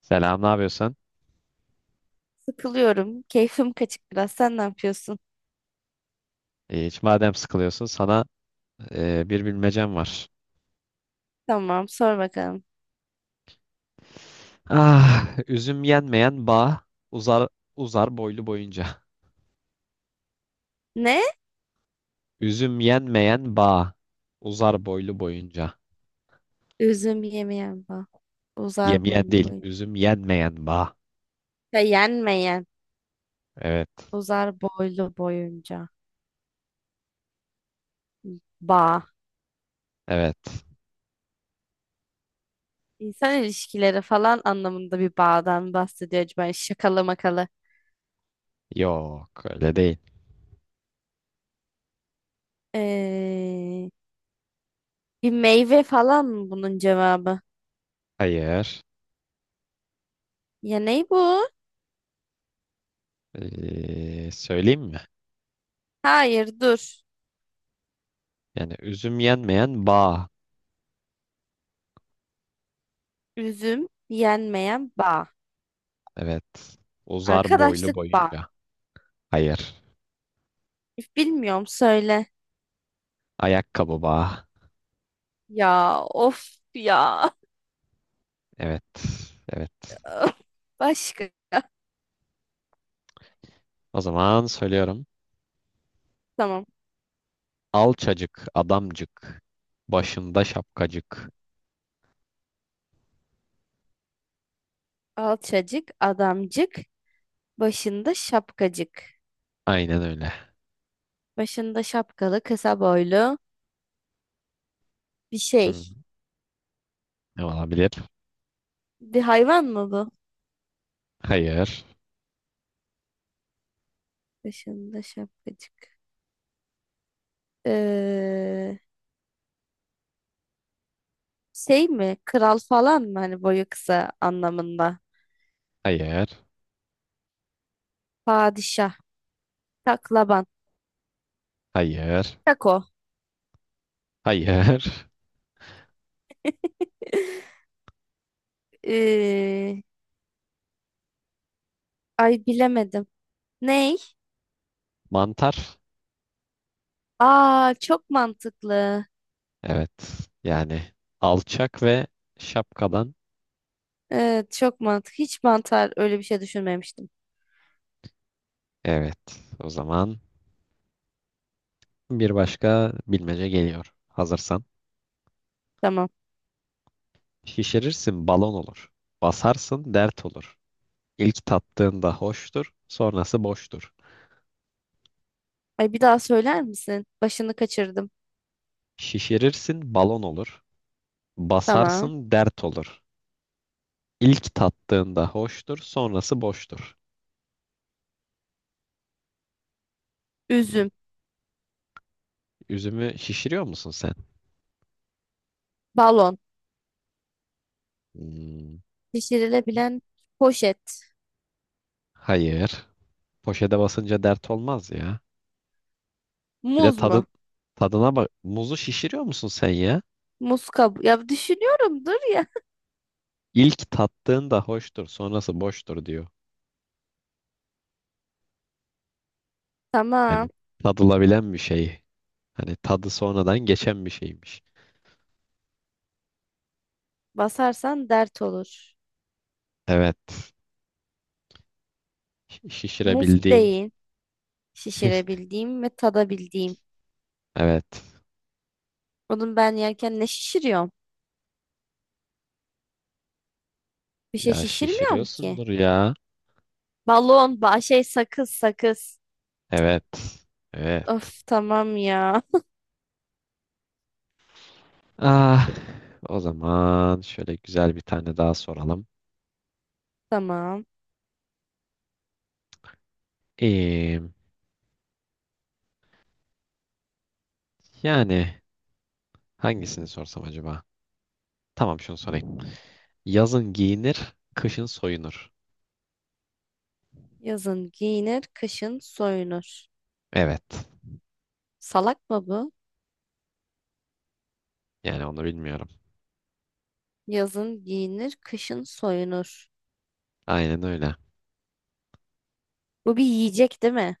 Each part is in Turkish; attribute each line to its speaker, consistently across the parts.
Speaker 1: Selam, ne yapıyorsun?
Speaker 2: Sıkılıyorum. Keyfim kaçık biraz. Sen ne yapıyorsun?
Speaker 1: Hiç madem sıkılıyorsun sana bir bilmecem var.
Speaker 2: Tamam, sor bakalım.
Speaker 1: Üzüm yenmeyen bağ uzar uzar boylu boyunca.
Speaker 2: Ne?
Speaker 1: Üzüm yenmeyen bağ uzar boylu boyunca.
Speaker 2: Üzüm yemeyen bak. Uzar
Speaker 1: Yemeyen
Speaker 2: boylu
Speaker 1: değil,
Speaker 2: boyunca.
Speaker 1: üzüm yenmeyen bağ.
Speaker 2: Yenmeyen.
Speaker 1: Evet,
Speaker 2: Uzar boylu boyunca. Bağ.
Speaker 1: evet.
Speaker 2: İnsan ilişkileri falan anlamında bir bağdan bahsediyor acaba. Şakalı makalı.
Speaker 1: Yok, öyle değil.
Speaker 2: Ee, Bir meyve falan mı bunun cevabı?
Speaker 1: Hayır.
Speaker 2: Ya ne bu?
Speaker 1: Söyleyeyim mi?
Speaker 2: Hayır dur.
Speaker 1: Yani üzüm yenmeyen bağ.
Speaker 2: Üzüm yenmeyen bağ.
Speaker 1: Evet. Uzar boylu
Speaker 2: Arkadaşlık bağ.
Speaker 1: boyunca. Hayır.
Speaker 2: Bilmiyorum söyle.
Speaker 1: Ayakkabı bağ.
Speaker 2: Ya of ya.
Speaker 1: Evet, evet.
Speaker 2: Başka.
Speaker 1: O zaman söylüyorum.
Speaker 2: Tamam.
Speaker 1: Alçacık, adamcık, başında şapkacık.
Speaker 2: Alçacık, adamcık, başında şapkacık.
Speaker 1: Aynen öyle.
Speaker 2: Başında şapkalı, kısa boylu bir
Speaker 1: Hmm.
Speaker 2: şey.
Speaker 1: Ne olabilir?
Speaker 2: Bir hayvan mı bu?
Speaker 1: Hayır,
Speaker 2: Başında şapkacık. Ee, Şey mi? Kral falan mı? Hani boyu kısa anlamında.
Speaker 1: hayır,
Speaker 2: Padişah, taklaban,
Speaker 1: hayır,
Speaker 2: tako.
Speaker 1: hayır.
Speaker 2: Ee, Ay bilemedim. Ney?
Speaker 1: Mantar.
Speaker 2: Aa çok mantıklı.
Speaker 1: Evet. Yani alçak ve şapkadan.
Speaker 2: Evet çok mantıklı. Hiç mantar öyle bir şey düşünmemiştim.
Speaker 1: Evet. O zaman bir başka bilmece geliyor. Hazırsan.
Speaker 2: Tamam.
Speaker 1: Şişirirsin balon olur. Basarsın dert olur. İlk tattığında hoştur, sonrası boştur.
Speaker 2: Ay bir daha söyler misin? Başını kaçırdım.
Speaker 1: Şişirirsin balon olur.
Speaker 2: Tamam.
Speaker 1: Basarsın dert olur. İlk tattığında hoştur, sonrası boştur. Hmm.
Speaker 2: Üzüm,
Speaker 1: Üzümü şişiriyor musun sen?
Speaker 2: balon,
Speaker 1: Hmm.
Speaker 2: şişirilebilen poşet,
Speaker 1: Hayır. Poşete basınca dert olmaz ya. Bir de
Speaker 2: muz mu?
Speaker 1: tadına bak. Muzu şişiriyor musun sen ya?
Speaker 2: Muz kabuğu. Ya düşünüyorum dur ya.
Speaker 1: İlk tattığında hoştur, sonrası boştur diyor.
Speaker 2: Tamam.
Speaker 1: Hani tadılabilen bir şey. Hani tadı sonradan geçen bir şeymiş.
Speaker 2: Basarsan dert olur.
Speaker 1: Evet.
Speaker 2: Muz
Speaker 1: Şişirebildiğin.
Speaker 2: değil. Şişirebildiğim ve tadabildiğim.
Speaker 1: Evet.
Speaker 2: Onun ben yerken ne şişiriyorum? Bir şey
Speaker 1: Ya
Speaker 2: şişirmiyorum ki.
Speaker 1: şişiriyorsundur ya.
Speaker 2: Balon, ba şey sakız sakız.
Speaker 1: Evet.
Speaker 2: Of
Speaker 1: Evet.
Speaker 2: tamam ya.
Speaker 1: Ah, O zaman şöyle güzel bir tane daha soralım.
Speaker 2: Tamam.
Speaker 1: Ee, Yani hangisini sorsam acaba? Tamam, şunu sorayım. Yazın giyinir, kışın soyunur.
Speaker 2: Yazın giyinir, kışın soyunur.
Speaker 1: Evet.
Speaker 2: Salak mı bu?
Speaker 1: Yani onu bilmiyorum.
Speaker 2: Yazın giyinir, kışın soyunur.
Speaker 1: Aynen öyle.
Speaker 2: Bu bir yiyecek değil mi?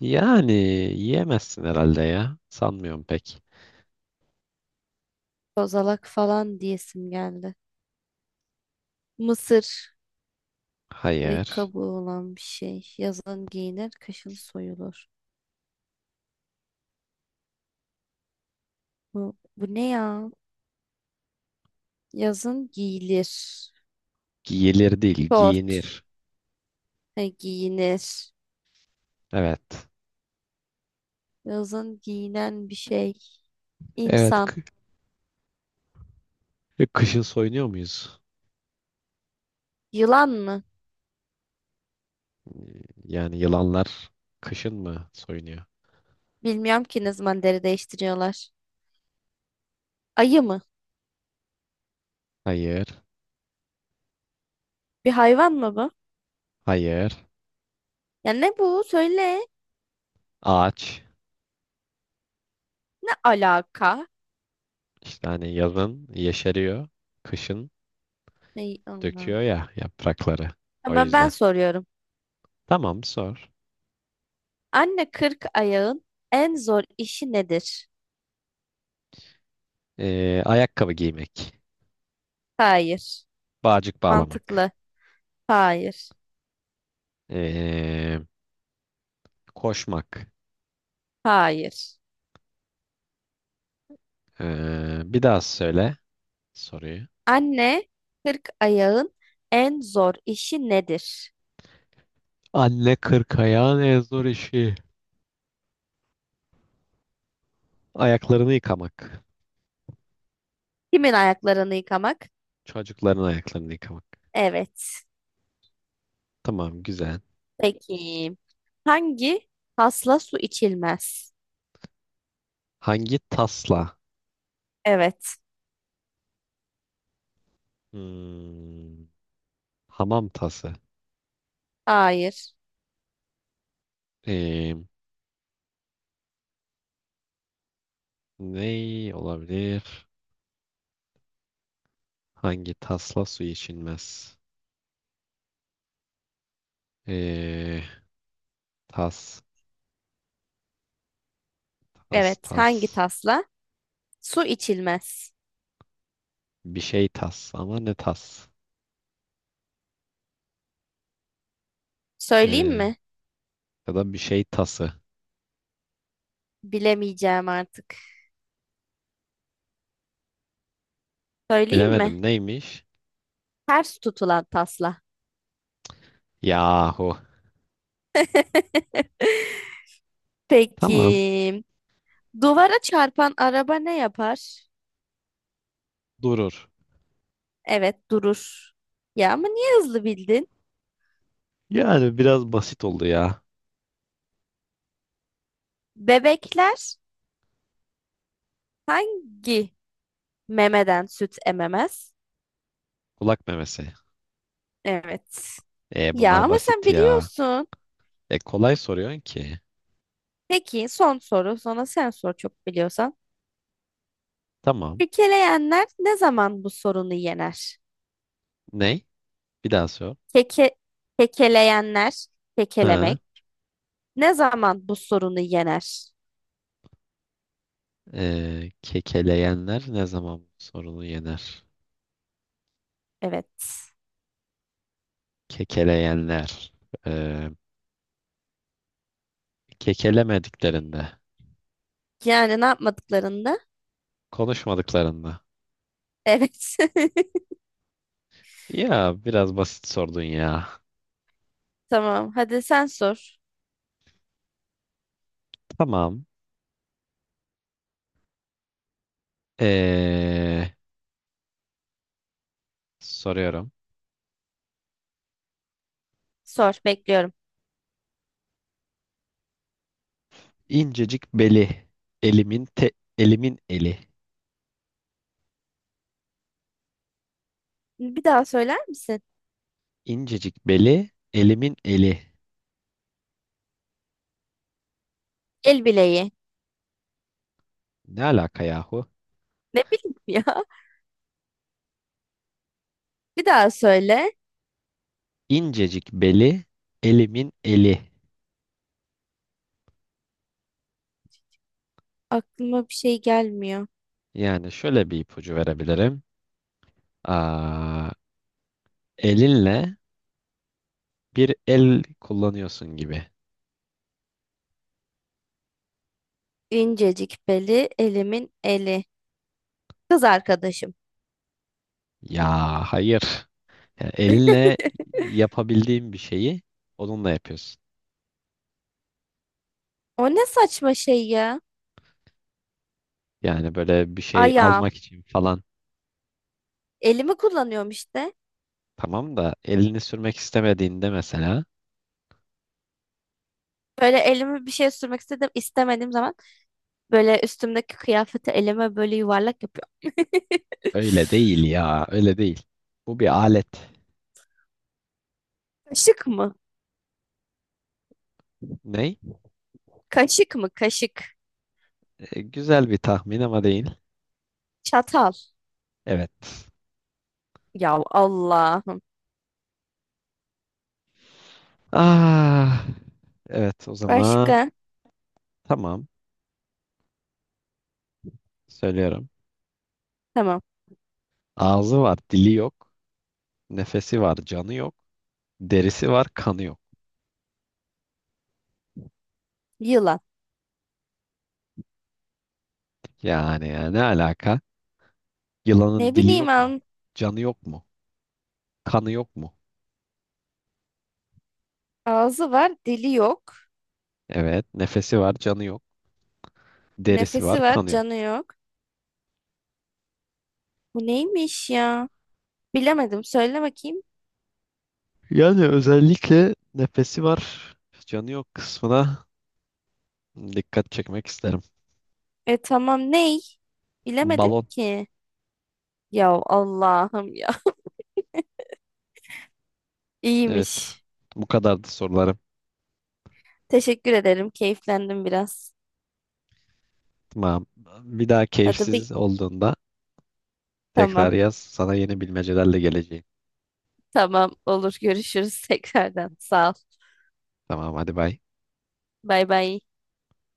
Speaker 1: Yani yiyemezsin herhalde ya. Sanmıyorum pek.
Speaker 2: Kozalak falan diyesim geldi. Mısır. Bir
Speaker 1: Hayır.
Speaker 2: kabuğu olan bir şey. Yazın giyinir, kışın soyulur. Bu ne ya? Yazın giyilir.
Speaker 1: Giyilir değil,
Speaker 2: Şort.
Speaker 1: giyinir.
Speaker 2: He, giyinir.
Speaker 1: Evet.
Speaker 2: Yazın giyinen bir şey.
Speaker 1: Evet.
Speaker 2: İnsan.
Speaker 1: Kışın soyunuyor muyuz?
Speaker 2: Yılan mı?
Speaker 1: Yani yılanlar kışın mı soyunuyor?
Speaker 2: Bilmiyorum ki ne zaman deri değiştiriyorlar. Ayı mı?
Speaker 1: Hayır.
Speaker 2: Bir hayvan mı bu?
Speaker 1: Hayır.
Speaker 2: Ya ne bu? Söyle.
Speaker 1: Ağaç
Speaker 2: Ne alaka?
Speaker 1: işte, hani yazın yeşeriyor, kışın
Speaker 2: Ne, Allah.
Speaker 1: döküyor ya yaprakları. O
Speaker 2: Tamam ben
Speaker 1: yüzden.
Speaker 2: soruyorum.
Speaker 1: Tamam, sor.
Speaker 2: Anne kırk ayağın en zor işi nedir?
Speaker 1: Ayakkabı giymek,
Speaker 2: Hayır.
Speaker 1: bağcık bağlamak,
Speaker 2: Mantıklı. Hayır.
Speaker 1: ee, koşmak.
Speaker 2: Hayır.
Speaker 1: Bir daha söyle soruyu.
Speaker 2: Anne kırk ayağın en zor işi nedir?
Speaker 1: Anne kırkayan en zor işi. Ayaklarını yıkamak.
Speaker 2: Kimin ayaklarını yıkamak?
Speaker 1: Çocukların ayaklarını yıkamak.
Speaker 2: Evet.
Speaker 1: Tamam, güzel.
Speaker 2: Peki. Hangi tasla su içilmez?
Speaker 1: Hangi tasla?
Speaker 2: Evet.
Speaker 1: Hmm, hamam tası.
Speaker 2: Hayır.
Speaker 1: Ee, Ne olabilir? Hangi tasla su içilmez? Ee, tas, tas,
Speaker 2: Evet.
Speaker 1: tas.
Speaker 2: Hangi tasla? Su içilmez.
Speaker 1: Bir şey tas ama ne tas?
Speaker 2: Söyleyeyim
Speaker 1: Ee,
Speaker 2: mi?
Speaker 1: Ya da bir şey tası.
Speaker 2: Bilemeyeceğim artık. Söyleyeyim mi?
Speaker 1: Bilemedim, neymiş?
Speaker 2: Ters tutulan tasla.
Speaker 1: Yahu. Tamam.
Speaker 2: Peki. Duvara çarpan araba ne yapar?
Speaker 1: Durur.
Speaker 2: Evet, durur. Ya ama niye hızlı bildin?
Speaker 1: Yani biraz basit oldu ya.
Speaker 2: Bebekler hangi memeden süt ememez?
Speaker 1: Kulak memesi.
Speaker 2: Evet. Ya
Speaker 1: Bunlar
Speaker 2: ama sen
Speaker 1: basit ya.
Speaker 2: biliyorsun.
Speaker 1: E, kolay soruyorsun ki.
Speaker 2: Peki son soru. Sonra sen sor çok biliyorsan.
Speaker 1: Tamam.
Speaker 2: Kekeleyenler ne zaman bu sorunu yener?
Speaker 1: Ney? Bir daha sor.
Speaker 2: Keke, kekeleyenler,
Speaker 1: Ha,
Speaker 2: kekelemek ne zaman bu sorunu yener?
Speaker 1: kekeleyenler ne zaman bu sorunu yener?
Speaker 2: Evet.
Speaker 1: Kekeleyenler. Ee, Kekelemediklerinde.
Speaker 2: Yani ne yapmadıklarında.
Speaker 1: Konuşmadıklarında.
Speaker 2: Evet.
Speaker 1: Ya biraz basit sordun ya.
Speaker 2: Tamam. Hadi sen sor.
Speaker 1: Tamam. Ee, Soruyorum.
Speaker 2: Sor. Bekliyorum.
Speaker 1: İncecik beli, elimin te, elimin eli.
Speaker 2: Bir daha söyler misin?
Speaker 1: İncecik beli, elimin eli.
Speaker 2: El bileği.
Speaker 1: Ne alaka yahu?
Speaker 2: Ne bileyim ya. Bir daha söyle.
Speaker 1: İncecik beli, elimin eli.
Speaker 2: Aklıma bir şey gelmiyor.
Speaker 1: Yani şöyle bir ipucu verebilirim. Aa, Elinle bir el kullanıyorsun gibi.
Speaker 2: İncecik beli, elimin eli. Kız arkadaşım.
Speaker 1: Ya hayır. Yani elinle yapabildiğin bir şeyi onunla yapıyorsun.
Speaker 2: O ne saçma şey ya.
Speaker 1: Yani böyle bir şey
Speaker 2: Ayağım.
Speaker 1: almak için falan,
Speaker 2: Elimi kullanıyorum işte.
Speaker 1: tamam da elini sürmek istemediğinde mesela,
Speaker 2: Böyle elimi bir şey sürmek istedim, istemediğim zaman böyle üstümdeki kıyafeti elime böyle yuvarlak yapıyorum.
Speaker 1: öyle değil ya, öyle değil. Bu bir alet.
Speaker 2: Kaşık mı?
Speaker 1: Ne?
Speaker 2: Kaşık mı? Kaşık.
Speaker 1: E, güzel bir tahmin ama değil.
Speaker 2: Çatal.
Speaker 1: Evet.
Speaker 2: Ya Allah'ım.
Speaker 1: Ah, evet, o zaman
Speaker 2: Başka?
Speaker 1: tamam, söylüyorum.
Speaker 2: Tamam.
Speaker 1: Ağzı var dili yok. Nefesi var canı yok. Derisi var kanı yok.
Speaker 2: Yılan.
Speaker 1: Yani ya, ne alaka? Yılanın
Speaker 2: Ne
Speaker 1: dili
Speaker 2: bileyim
Speaker 1: yok mu?
Speaker 2: an.
Speaker 1: Canı yok mu? Kanı yok mu?
Speaker 2: Ağzı var, dili yok.
Speaker 1: Evet, nefesi var canı yok. Derisi var
Speaker 2: Nefesi var,
Speaker 1: kanı yok.
Speaker 2: canı yok. Bu neymiş ya? Bilemedim. Söyle bakayım.
Speaker 1: Yani özellikle nefesi var, canı yok kısmına dikkat çekmek isterim.
Speaker 2: E tamam ney? Bilemedim
Speaker 1: Balon,
Speaker 2: ki. Ya Allah'ım ya.
Speaker 1: evet.
Speaker 2: İyiymiş.
Speaker 1: Bu kadardı sorularım.
Speaker 2: Teşekkür ederim. Keyiflendim biraz.
Speaker 1: Tamam. Bir daha
Speaker 2: Hadi bir.
Speaker 1: keyifsiz olduğunda
Speaker 2: Tamam.
Speaker 1: tekrar yaz. Sana yeni bilmecelerle geleceğim.
Speaker 2: Tamam. Olur. Görüşürüz tekrardan. Sağ ol.
Speaker 1: Tamam, hadi bay.
Speaker 2: Bay bay.